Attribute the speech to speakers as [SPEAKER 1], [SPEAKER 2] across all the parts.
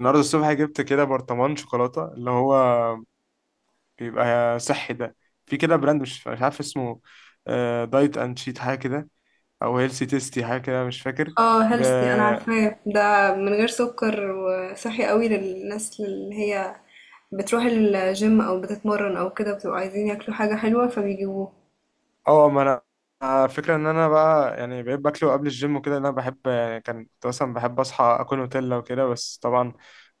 [SPEAKER 1] النهارده الصبح جبت كده برطمان شوكولاته اللي هو بيبقى صحي ده. في كده براند مش عارف اسمه. دايت اند شيت حاجه كده، او هيلسي تيستي حاجه كده، مش فاكر.
[SPEAKER 2] اه
[SPEAKER 1] ب...
[SPEAKER 2] هيلثي انا عارفاه ده من غير سكر وصحي قوي للناس اللي هي بتروح الجيم او بتتمرن او كده بتبقوا عايزين ياكلوا حاجة حلوة فبيجيبوه.
[SPEAKER 1] اه، ما انا فكرة ان انا بقى يعني بقيت باكله قبل الجيم وكده، إن انا بحب يعني كنت مثلا بحب اصحى اكل نوتيلا وكده، بس طبعا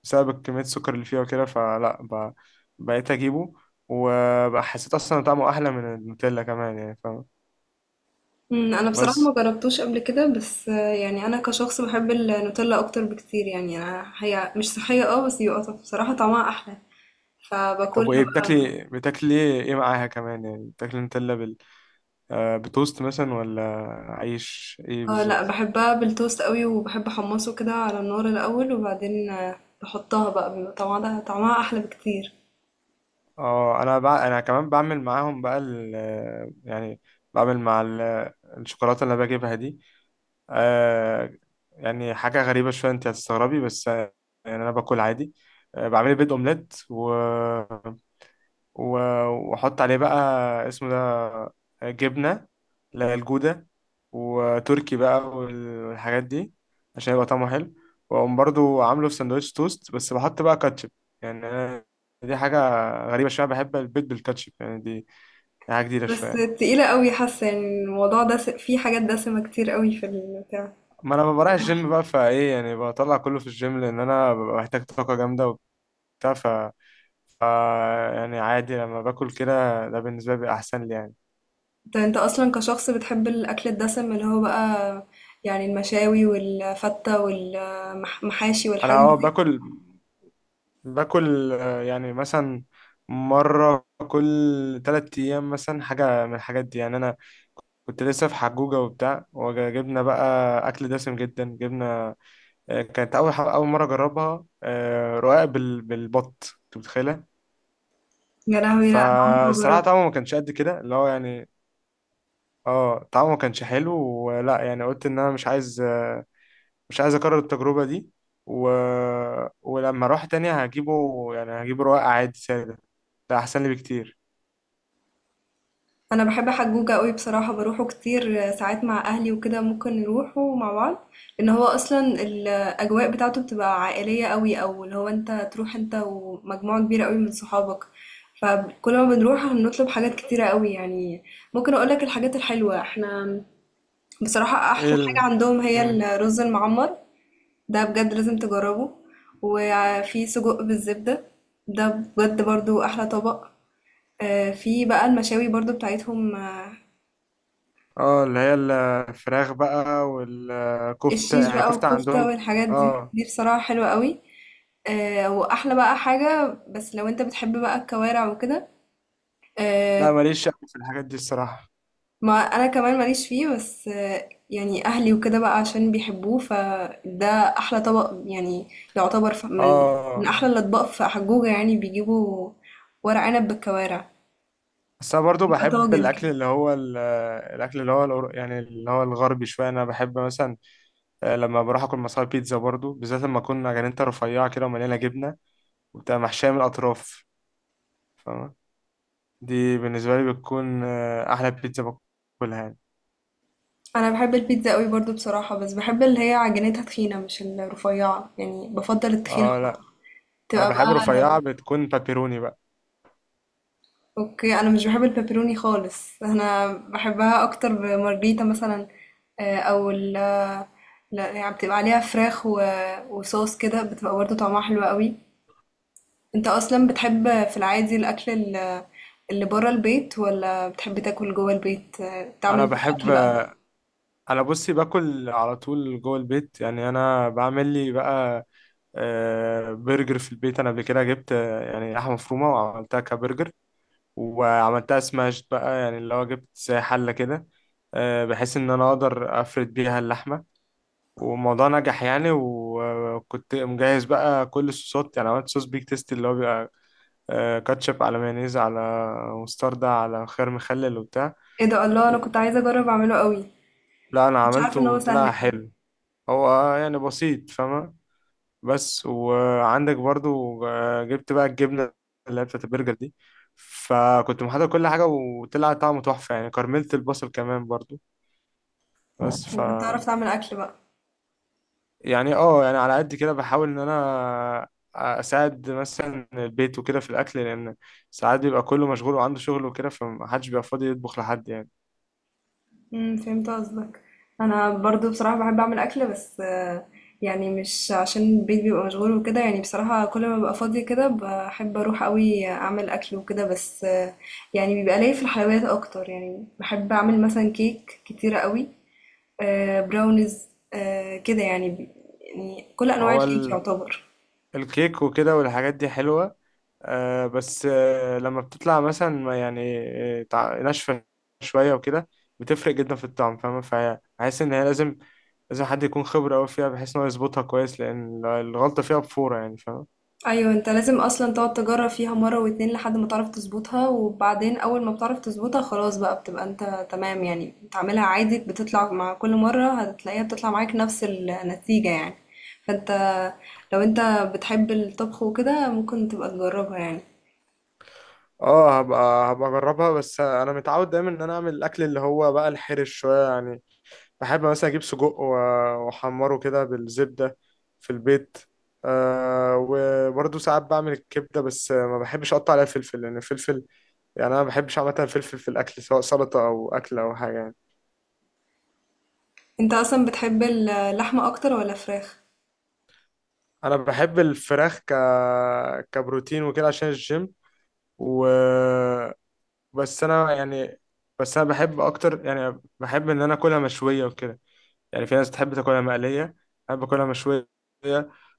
[SPEAKER 1] بسبب كمية السكر اللي فيها وكده فلا. بقيت اجيبه، وبقى حسيت اصلا طعمه احلى من النوتيلا كمان، يعني فاهم؟
[SPEAKER 2] انا بصراحة
[SPEAKER 1] بس،
[SPEAKER 2] ما جربتوش قبل كده بس يعني انا كشخص بحب النوتيلا اكتر بكتير، يعني انا هي مش صحية اه بس يبقى بصراحة طعمها احلى،
[SPEAKER 1] طب
[SPEAKER 2] فباكلها
[SPEAKER 1] وايه
[SPEAKER 2] بقى.
[SPEAKER 1] بتاكلي ايه معاها كمان؟ يعني بتاكلي نوتيلا بتوست مثلا، ولا عيش ايه
[SPEAKER 2] اه لا،
[SPEAKER 1] بالظبط؟
[SPEAKER 2] بحبها بالتوست قوي وبحب احمصه كده على النار الاول وبعدين بحطها بقى، بيبقى طعمها طعمها احلى بكتير.
[SPEAKER 1] اه، انا انا كمان بعمل معاهم بقى يعني بعمل مع الشوكولاته اللي أنا بجيبها دي. آه يعني حاجه غريبه شويه، انت هتستغربي، بس يعني انا باكل عادي، بعمل بيض اومليت و- واحط عليه بقى، اسمه ده جبنة، اللي هي الجودة وتركي بقى والحاجات دي عشان يبقى طعمه حلو، واقوم برضو عامله في سندوتش توست، بس بحط بقى كاتشب. يعني أنا، دي حاجة غريبة شوية، بحب البيض بالكاتشب، يعني دي حاجة جديدة
[SPEAKER 2] بس
[SPEAKER 1] شوية.
[SPEAKER 2] تقيلة قوي حاسة، يعني الموضوع ده فيه حاجات دسمة كتير قوي في البتاع.
[SPEAKER 1] ما انا بروح الجيم بقى، فايه يعني بطلع كله في الجيم، لان انا ببقى محتاج طاقة جامدة وبتاع. ف يعني عادي لما باكل كده، ده بالنسبة لي بيبقى احسن لي يعني.
[SPEAKER 2] انت اصلا كشخص بتحب الاكل الدسم اللي هو بقى، يعني المشاوي والفتة والمحاشي
[SPEAKER 1] انا،
[SPEAKER 2] والحاجات دي.
[SPEAKER 1] باكل يعني مثلا مرة كل تلات أيام مثلا حاجة من الحاجات دي. يعني أنا كنت لسه في حجوجة وبتاع، وجبنا بقى أكل دسم جدا. جبنا كانت أول أول مرة أجربها، رقاق بالبط، أنت متخيلة؟
[SPEAKER 2] يا لهوي، لا انا عمري ما
[SPEAKER 1] فالصراحة
[SPEAKER 2] جربت.
[SPEAKER 1] طعمه ما كانش قد كده، اللي هو يعني اه، طعمه ما كانش حلو ولا يعني. قلت إن أنا مش عايز، مش عايز أكرر التجربة دي. و... ولما أروح تاني، هجيبه يعني، هجيبه رقاق عادي سادة، ده أحسن لي بكتير.
[SPEAKER 2] أنا باحب حجوجة أوي بصراحة، باروحه كتير ساعات مع أهلي وكده، ممكن نروحه مع بعض، لإن هو أصلًا الأجواء بتاعته بتبقى عائلية أوي، أو اللي هو أنت تروح أنت ومجموعة كبيرة أوي من صحابك، فكل ما بنروح بنطلب حاجات كتيرة أوي. يعني ممكن أقول لك الحاجات الحلوة، إحنا بصراحة
[SPEAKER 1] ايه
[SPEAKER 2] أحلى حاجة عندهم هي
[SPEAKER 1] مم.
[SPEAKER 2] الرز المعمر، ده بجد لازم تجربه، وفي سجق بالزبدة، ده بجد برضه أحلى طبق، في بقى المشاوي برضه بتاعتهم
[SPEAKER 1] اه، اللي هي الفراخ بقى والكفتة،
[SPEAKER 2] الشيش
[SPEAKER 1] يعني
[SPEAKER 2] بقى
[SPEAKER 1] كفتة
[SPEAKER 2] والكفتة
[SPEAKER 1] عندهم.
[SPEAKER 2] والحاجات دي،
[SPEAKER 1] اه،
[SPEAKER 2] دي بصراحة حلوة قوي. آه، وأحلى بقى حاجة بس لو أنت بتحب بقى الكوارع وكده،
[SPEAKER 1] لا،
[SPEAKER 2] آه.
[SPEAKER 1] ماليش أوي في الحاجات دي الصراحة.
[SPEAKER 2] ما أنا كمان ماليش فيه، بس آه يعني أهلي وكده بقى عشان بيحبوه فده أحلى طبق يعني، يعتبر من من
[SPEAKER 1] اه،
[SPEAKER 2] أحلى الأطباق في حجوجة، يعني بيجيبوا ورق عنب بالكوارع،
[SPEAKER 1] بس انا برضو
[SPEAKER 2] يبقى
[SPEAKER 1] بحب
[SPEAKER 2] طاجن
[SPEAKER 1] الاكل
[SPEAKER 2] كده.
[SPEAKER 1] اللي هو الاكل اللي هو يعني اللي هو الغربي شويه. انا بحب مثلا، لما بروح اكل مصاري، بيتزا برضو، بالذات لما اكون جرينتا رفيعه كده ومليانه جبنه، وبتبقى محشيه من الاطراف، فاهمة؟ دي بالنسبه لي بتكون احلى بيتزا باكلها يعني.
[SPEAKER 2] أنا بحب البيتزا قوي برضو بصراحة، بس بحب اللي هي عجينتها تخينة مش الرفيعة، يعني بفضل التخينة
[SPEAKER 1] اه
[SPEAKER 2] أكتر.
[SPEAKER 1] لا، انا
[SPEAKER 2] تبقى
[SPEAKER 1] بحب
[SPEAKER 2] بقى،
[SPEAKER 1] رفيعه، بتكون بابيروني بقى.
[SPEAKER 2] اوكي انا مش بحب البيبروني خالص، انا بحبها اكتر بمارجريتا مثلا، او لا يعني بتبقى عليها فراخ وصوص كده، بتبقى برضه طعمها حلو قوي. انت اصلا بتحب في العادي الاكل ال- اللي بره البيت ولا بتحب تاكل جوه البيت، تعمل
[SPEAKER 1] انا
[SPEAKER 2] انت
[SPEAKER 1] بحب،
[SPEAKER 2] اكل بقى؟
[SPEAKER 1] انا بصي باكل على طول جوه البيت. يعني انا بعمل لي بقى برجر في البيت. انا قبل كده جبت يعني لحمه مفرومه، وعملتها كبرجر وعملتها سماشت بقى، يعني اللي هو جبت زي حله كده، بحيث ان انا اقدر افرد بيها اللحمه، والموضوع نجح يعني. وكنت مجهز بقى كل الصوصات، يعني عملت صوص بيك تيستي، اللي هو بيبقى كاتشب على مايونيز على مستردة على خيار مخلل وبتاع.
[SPEAKER 2] ايه ده، الله، انا كنت عايزه اجرب اعمله قوي.
[SPEAKER 1] لا انا
[SPEAKER 2] مش عارفه
[SPEAKER 1] عملته
[SPEAKER 2] ان هو سهل
[SPEAKER 1] وطلع
[SPEAKER 2] كده.
[SPEAKER 1] حلو، هو يعني بسيط، فاهمة؟ بس وعندك برضو جبت بقى الجبنة اللي هي بتاعت البرجر دي، فكنت محضر كل حاجة وطلع طعمه تحفة يعني، كرملت البصل كمان برضو. بس
[SPEAKER 2] انت بتعرف تعمل اكل بقى؟
[SPEAKER 1] يعني اه، يعني على قد كده بحاول ان انا اساعد مثلا البيت وكده في الاكل، لان ساعات بيبقى كله مشغول وعنده شغل وكده، فمحدش بيبقى فاضي يطبخ لحد يعني.
[SPEAKER 2] إمم، فهمت قصدك. أنا برضه بصراحة باحب أعمل أكل بس يعني مش عشان البيت بيبقى مشغول وكده، يعني بصراحة كل ما بابقى فاضية كده باحب أروح أوي أعمل أكل وكده، بس يعني بيبقى ليّا في الحلويات أكتر، يعني باحب أعمل مثلًا كيك كتيرة أوي، براونيز، كده يعني ب، يعني كل أنواع
[SPEAKER 1] هو
[SPEAKER 2] الكيك يعتبر.
[SPEAKER 1] الكيك وكده والحاجات دي حلوة، بس لما بتطلع مثلا ما يعني، ناشفة شوية وكده، بتفرق جدا في الطعم، فاهمة؟ فحاسس إن هي لازم، حد يكون خبرة أوي فيها بحيث إن هو يظبطها كويس، لأن الغلطة فيها بفورة يعني، فاهمة؟
[SPEAKER 2] ايوه، انت لازم اصلا تقعد تجرب فيها مره واتنين لحد ما تعرف تظبطها، وبعدين اول ما بتعرف تظبطها خلاص بقى بتبقى انت تمام، يعني بتعملها عادي بتطلع، مع كل مره هتلاقيها بتطلع معاك نفس النتيجه يعني. فانت لو انت بتحب الطبخ وكده ممكن تبقى تجربها يعني.
[SPEAKER 1] اه، هبقى اجربها. بس انا متعود دايما ان انا اعمل الاكل اللي هو بقى الحرش شويه يعني. بحب مثلا اجيب سجق واحمره كده بالزبدة في البيت. أه، وبرضه ساعات بعمل الكبدة، بس ما بحبش اقطع عليها فلفل، لان الفلفل يعني انا ما بحبش عامة الفلفل في الاكل، سواء سلطة او اكل او حاجة يعني.
[SPEAKER 2] انت اصلا بتحب اللحمه اكتر ولا فراخ؟
[SPEAKER 1] انا بحب الفراخ كبروتين وكده عشان الجيم. و بس انا يعني، بس انا بحب اكتر، يعني بحب ان انا اكلها مشوية وكده. يعني في ناس تحب تاكلها مقلية، أنا باكلها مشوية.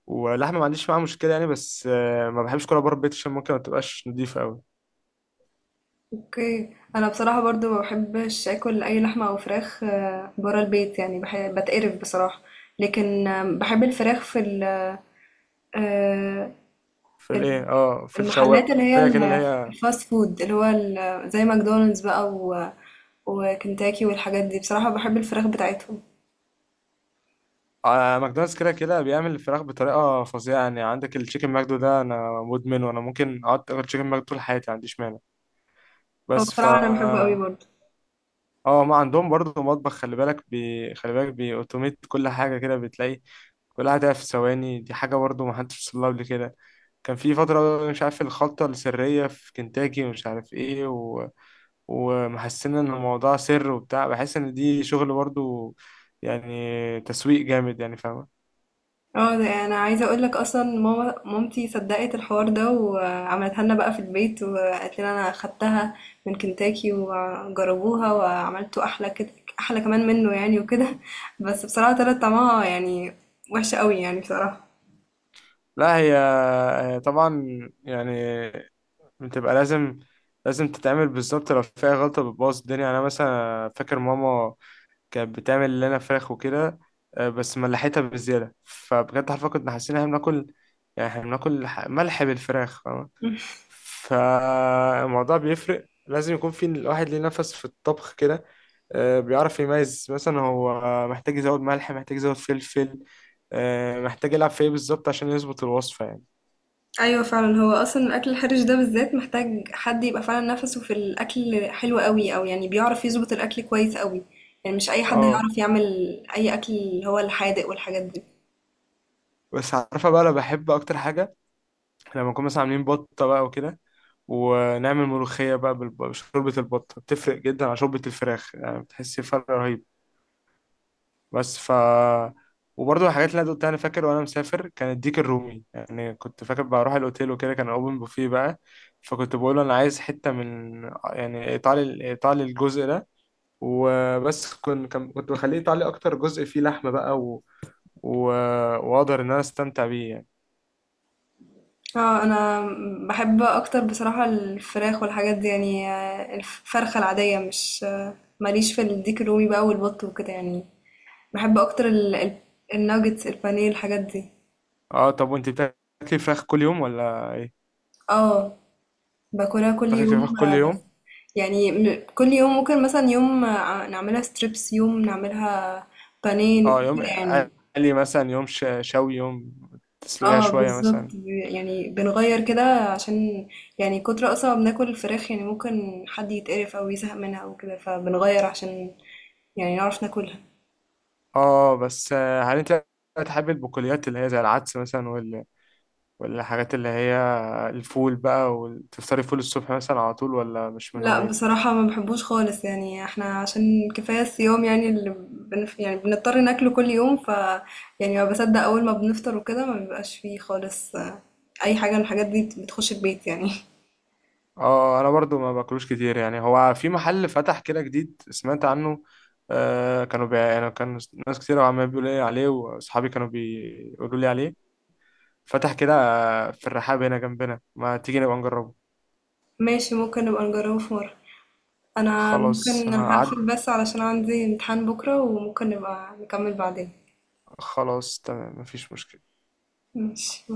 [SPEAKER 1] ولحمة ما عنديش معاها مشكلة يعني، بس ما بحبش أكلها بره البيت عشان ممكن ما تبقاش نضيفة أوي.
[SPEAKER 2] اوكي، انا بصراحه برضو ما بحبش اكل اي لحمه او فراخ برا البيت، يعني بحب بتقرف بصراحه. لكن بحب الفراخ في ال، آه،
[SPEAKER 1] في الإيه؟ اه في الشواية
[SPEAKER 2] المحلات
[SPEAKER 1] كده، اللي هي
[SPEAKER 2] الفاست فود زي ماكدونالدز بقى وكنتاكي والحاجات دي، بصراحة بحب الفراخ بتاعتهم.
[SPEAKER 1] ماكدونالدز، كده كده بيعمل الفراخ بطريقة فظيعة يعني. عندك التشيكن ماكدو ده، أنا مدمن، وأنا ممكن أقعد آكل تشيكن ماكدو طول حياتي، ما عنديش مانع.
[SPEAKER 2] هو
[SPEAKER 1] بس
[SPEAKER 2] بصراحة انا بحبه قوي برضه.
[SPEAKER 1] اه، ما عندهم برضه مطبخ خلي بالك بيأوتوميت كل حاجة كده. بتلاقي كل حاجة تبقى في ثواني، دي حاجة برضه ما حدش وصل لها قبل كده. كان في فترة مش عارف الخلطة السرية في كنتاكي، ومش عارف ايه ومحسين ان الموضوع سر وبتاع. بحس ان دي شغل برضه يعني، تسويق جامد يعني، فاهمة؟
[SPEAKER 2] اه ده انا عايزة اقول لك، اصلا مامتي صدقت الحوار ده وعملتها لنا بقى في البيت وقالت لنا انا خدتها من كنتاكي، وجربوها وعملته احلى كده، احلى كمان منه يعني وكده بس بصراحة طلعت طعمها يعني وحشة قوي يعني بصراحة.
[SPEAKER 1] لا، هي طبعا يعني بتبقى لازم، تتعمل بالظبط. لو فيها غلطة بتبوظ الدنيا يعني. أنا مثلا فاكر ماما كانت بتعمل لنا فراخ وكده، بس ملحتها بالزيادة، فبجد حرفيا كنا حاسين إن إحنا بناكل، يعني إحنا بناكل ملح بالفراخ، فاهمة؟ فالموضوع بيفرق، لازم يكون في الواحد ليه نفس في الطبخ كده، بيعرف يميز مثلا هو محتاج يزود ملح، محتاج يزود فلفل، محتاج يلعب في ايه بالظبط عشان يظبط الوصفة يعني.
[SPEAKER 2] أيوه فعلًا، هو أصلًا الأكل الحرِش ده بالذات محتاج حد يبقى فعلًا نَفَسه في الأكل حلو أوي، أو يعني بيعرف يضبط الأكل كويس أوي، يعني مش أي حد
[SPEAKER 1] اه،
[SPEAKER 2] هيعرف يعمل أي أكل اللي هو الحادق والحاجات دي.
[SPEAKER 1] بس عارفة بقى أنا بحب أكتر حاجة لما نكون مثلا عاملين بطة بقى وكده، ونعمل ملوخية بقى بشوربة البطة، بتفرق جدا عن شوربة الفراخ يعني، بتحس فرق رهيب. بس وبرضه الحاجات اللي انا قلتها، انا فاكر وانا مسافر كان الديك الرومي، يعني كنت فاكر بروح الاوتيل وكده، كان اوبن بوفيه بقى، فكنت بقول له انا عايز حتة من يعني ايطالي، ايطالي الجزء ده. وبس كنت بخليه ايطالي اكتر جزء فيه لحمة بقى و... واقدر ان انا استمتع بيه يعني.
[SPEAKER 2] أنا باحب أكتر بصراحة الفراخ والحاجات دي، يعني الفرخة العادية مش، ما ليش في الديك الرومي بقى والبط وكده يعني، باحب أكتر ال الnuggets البانيه الحاجات دي.
[SPEAKER 1] اه، طب وانت بتاكلي فراخ كل يوم ولا ايه؟
[SPEAKER 2] آه. باكلها كل
[SPEAKER 1] بتاكلي
[SPEAKER 2] يوم.
[SPEAKER 1] فراخ كل
[SPEAKER 2] بس
[SPEAKER 1] يوم؟
[SPEAKER 2] يعني كل يوم ممكن مثلا يوم نعملها ستريبس، يوم نعملها بانيه
[SPEAKER 1] اه،
[SPEAKER 2] كده
[SPEAKER 1] يوم
[SPEAKER 2] يعني.
[SPEAKER 1] قلي مثلا، يوم شوي، يوم تسلقيها
[SPEAKER 2] اه
[SPEAKER 1] شوية مثلا.
[SPEAKER 2] بالظبط يعني بنغير كده، عشان يعني كتر اصلا ما بناكل الفراخ، يعني ممكن حد يتقرف او يزهق منها او كده، فبنغير عشان يعني نعرف ناكلها.
[SPEAKER 1] اه بس هل انت بتحب البقوليات اللي هي زي العدس مثلا والحاجات اللي هي الفول بقى، وتفطري فول الصبح مثلا على طول، ولا مش من
[SPEAKER 2] لأ
[SPEAKER 1] هوايتك؟
[SPEAKER 2] بصراحة ما باحبوش خالص، يعني إحنا عشان كفاية الصيام يعني اللي بنف، يعني بنضطر ناكله كل يوم، ف يعني ما باصدق أول ما بنفطر وكده ما بيبقاش فيه خالص أي حاجة من الحاجات دي بتخش البيت يعني.
[SPEAKER 1] اه، انا برضو ما باكلوش كتير يعني. هو في محل فتح كده جديد سمعت عنه، كانوا يعني كان ناس كتير عمال بيقولوا لي عليه، واصحابي كانوا بيقولوا لي عليه. فتح كده في الرحاب هنا جنبنا، ما تيجي نبقى نجربه؟
[SPEAKER 2] ماشي، ممكن نبقى نجربه في مرة. أنا
[SPEAKER 1] خلاص
[SPEAKER 2] ممكن هاقفل
[SPEAKER 1] هعدي،
[SPEAKER 2] بس علشان عندي امتحان بكرة، وممكن نبقى نكمل بعدين.
[SPEAKER 1] خلاص تمام مفيش مشكلة.
[SPEAKER 2] ماشي.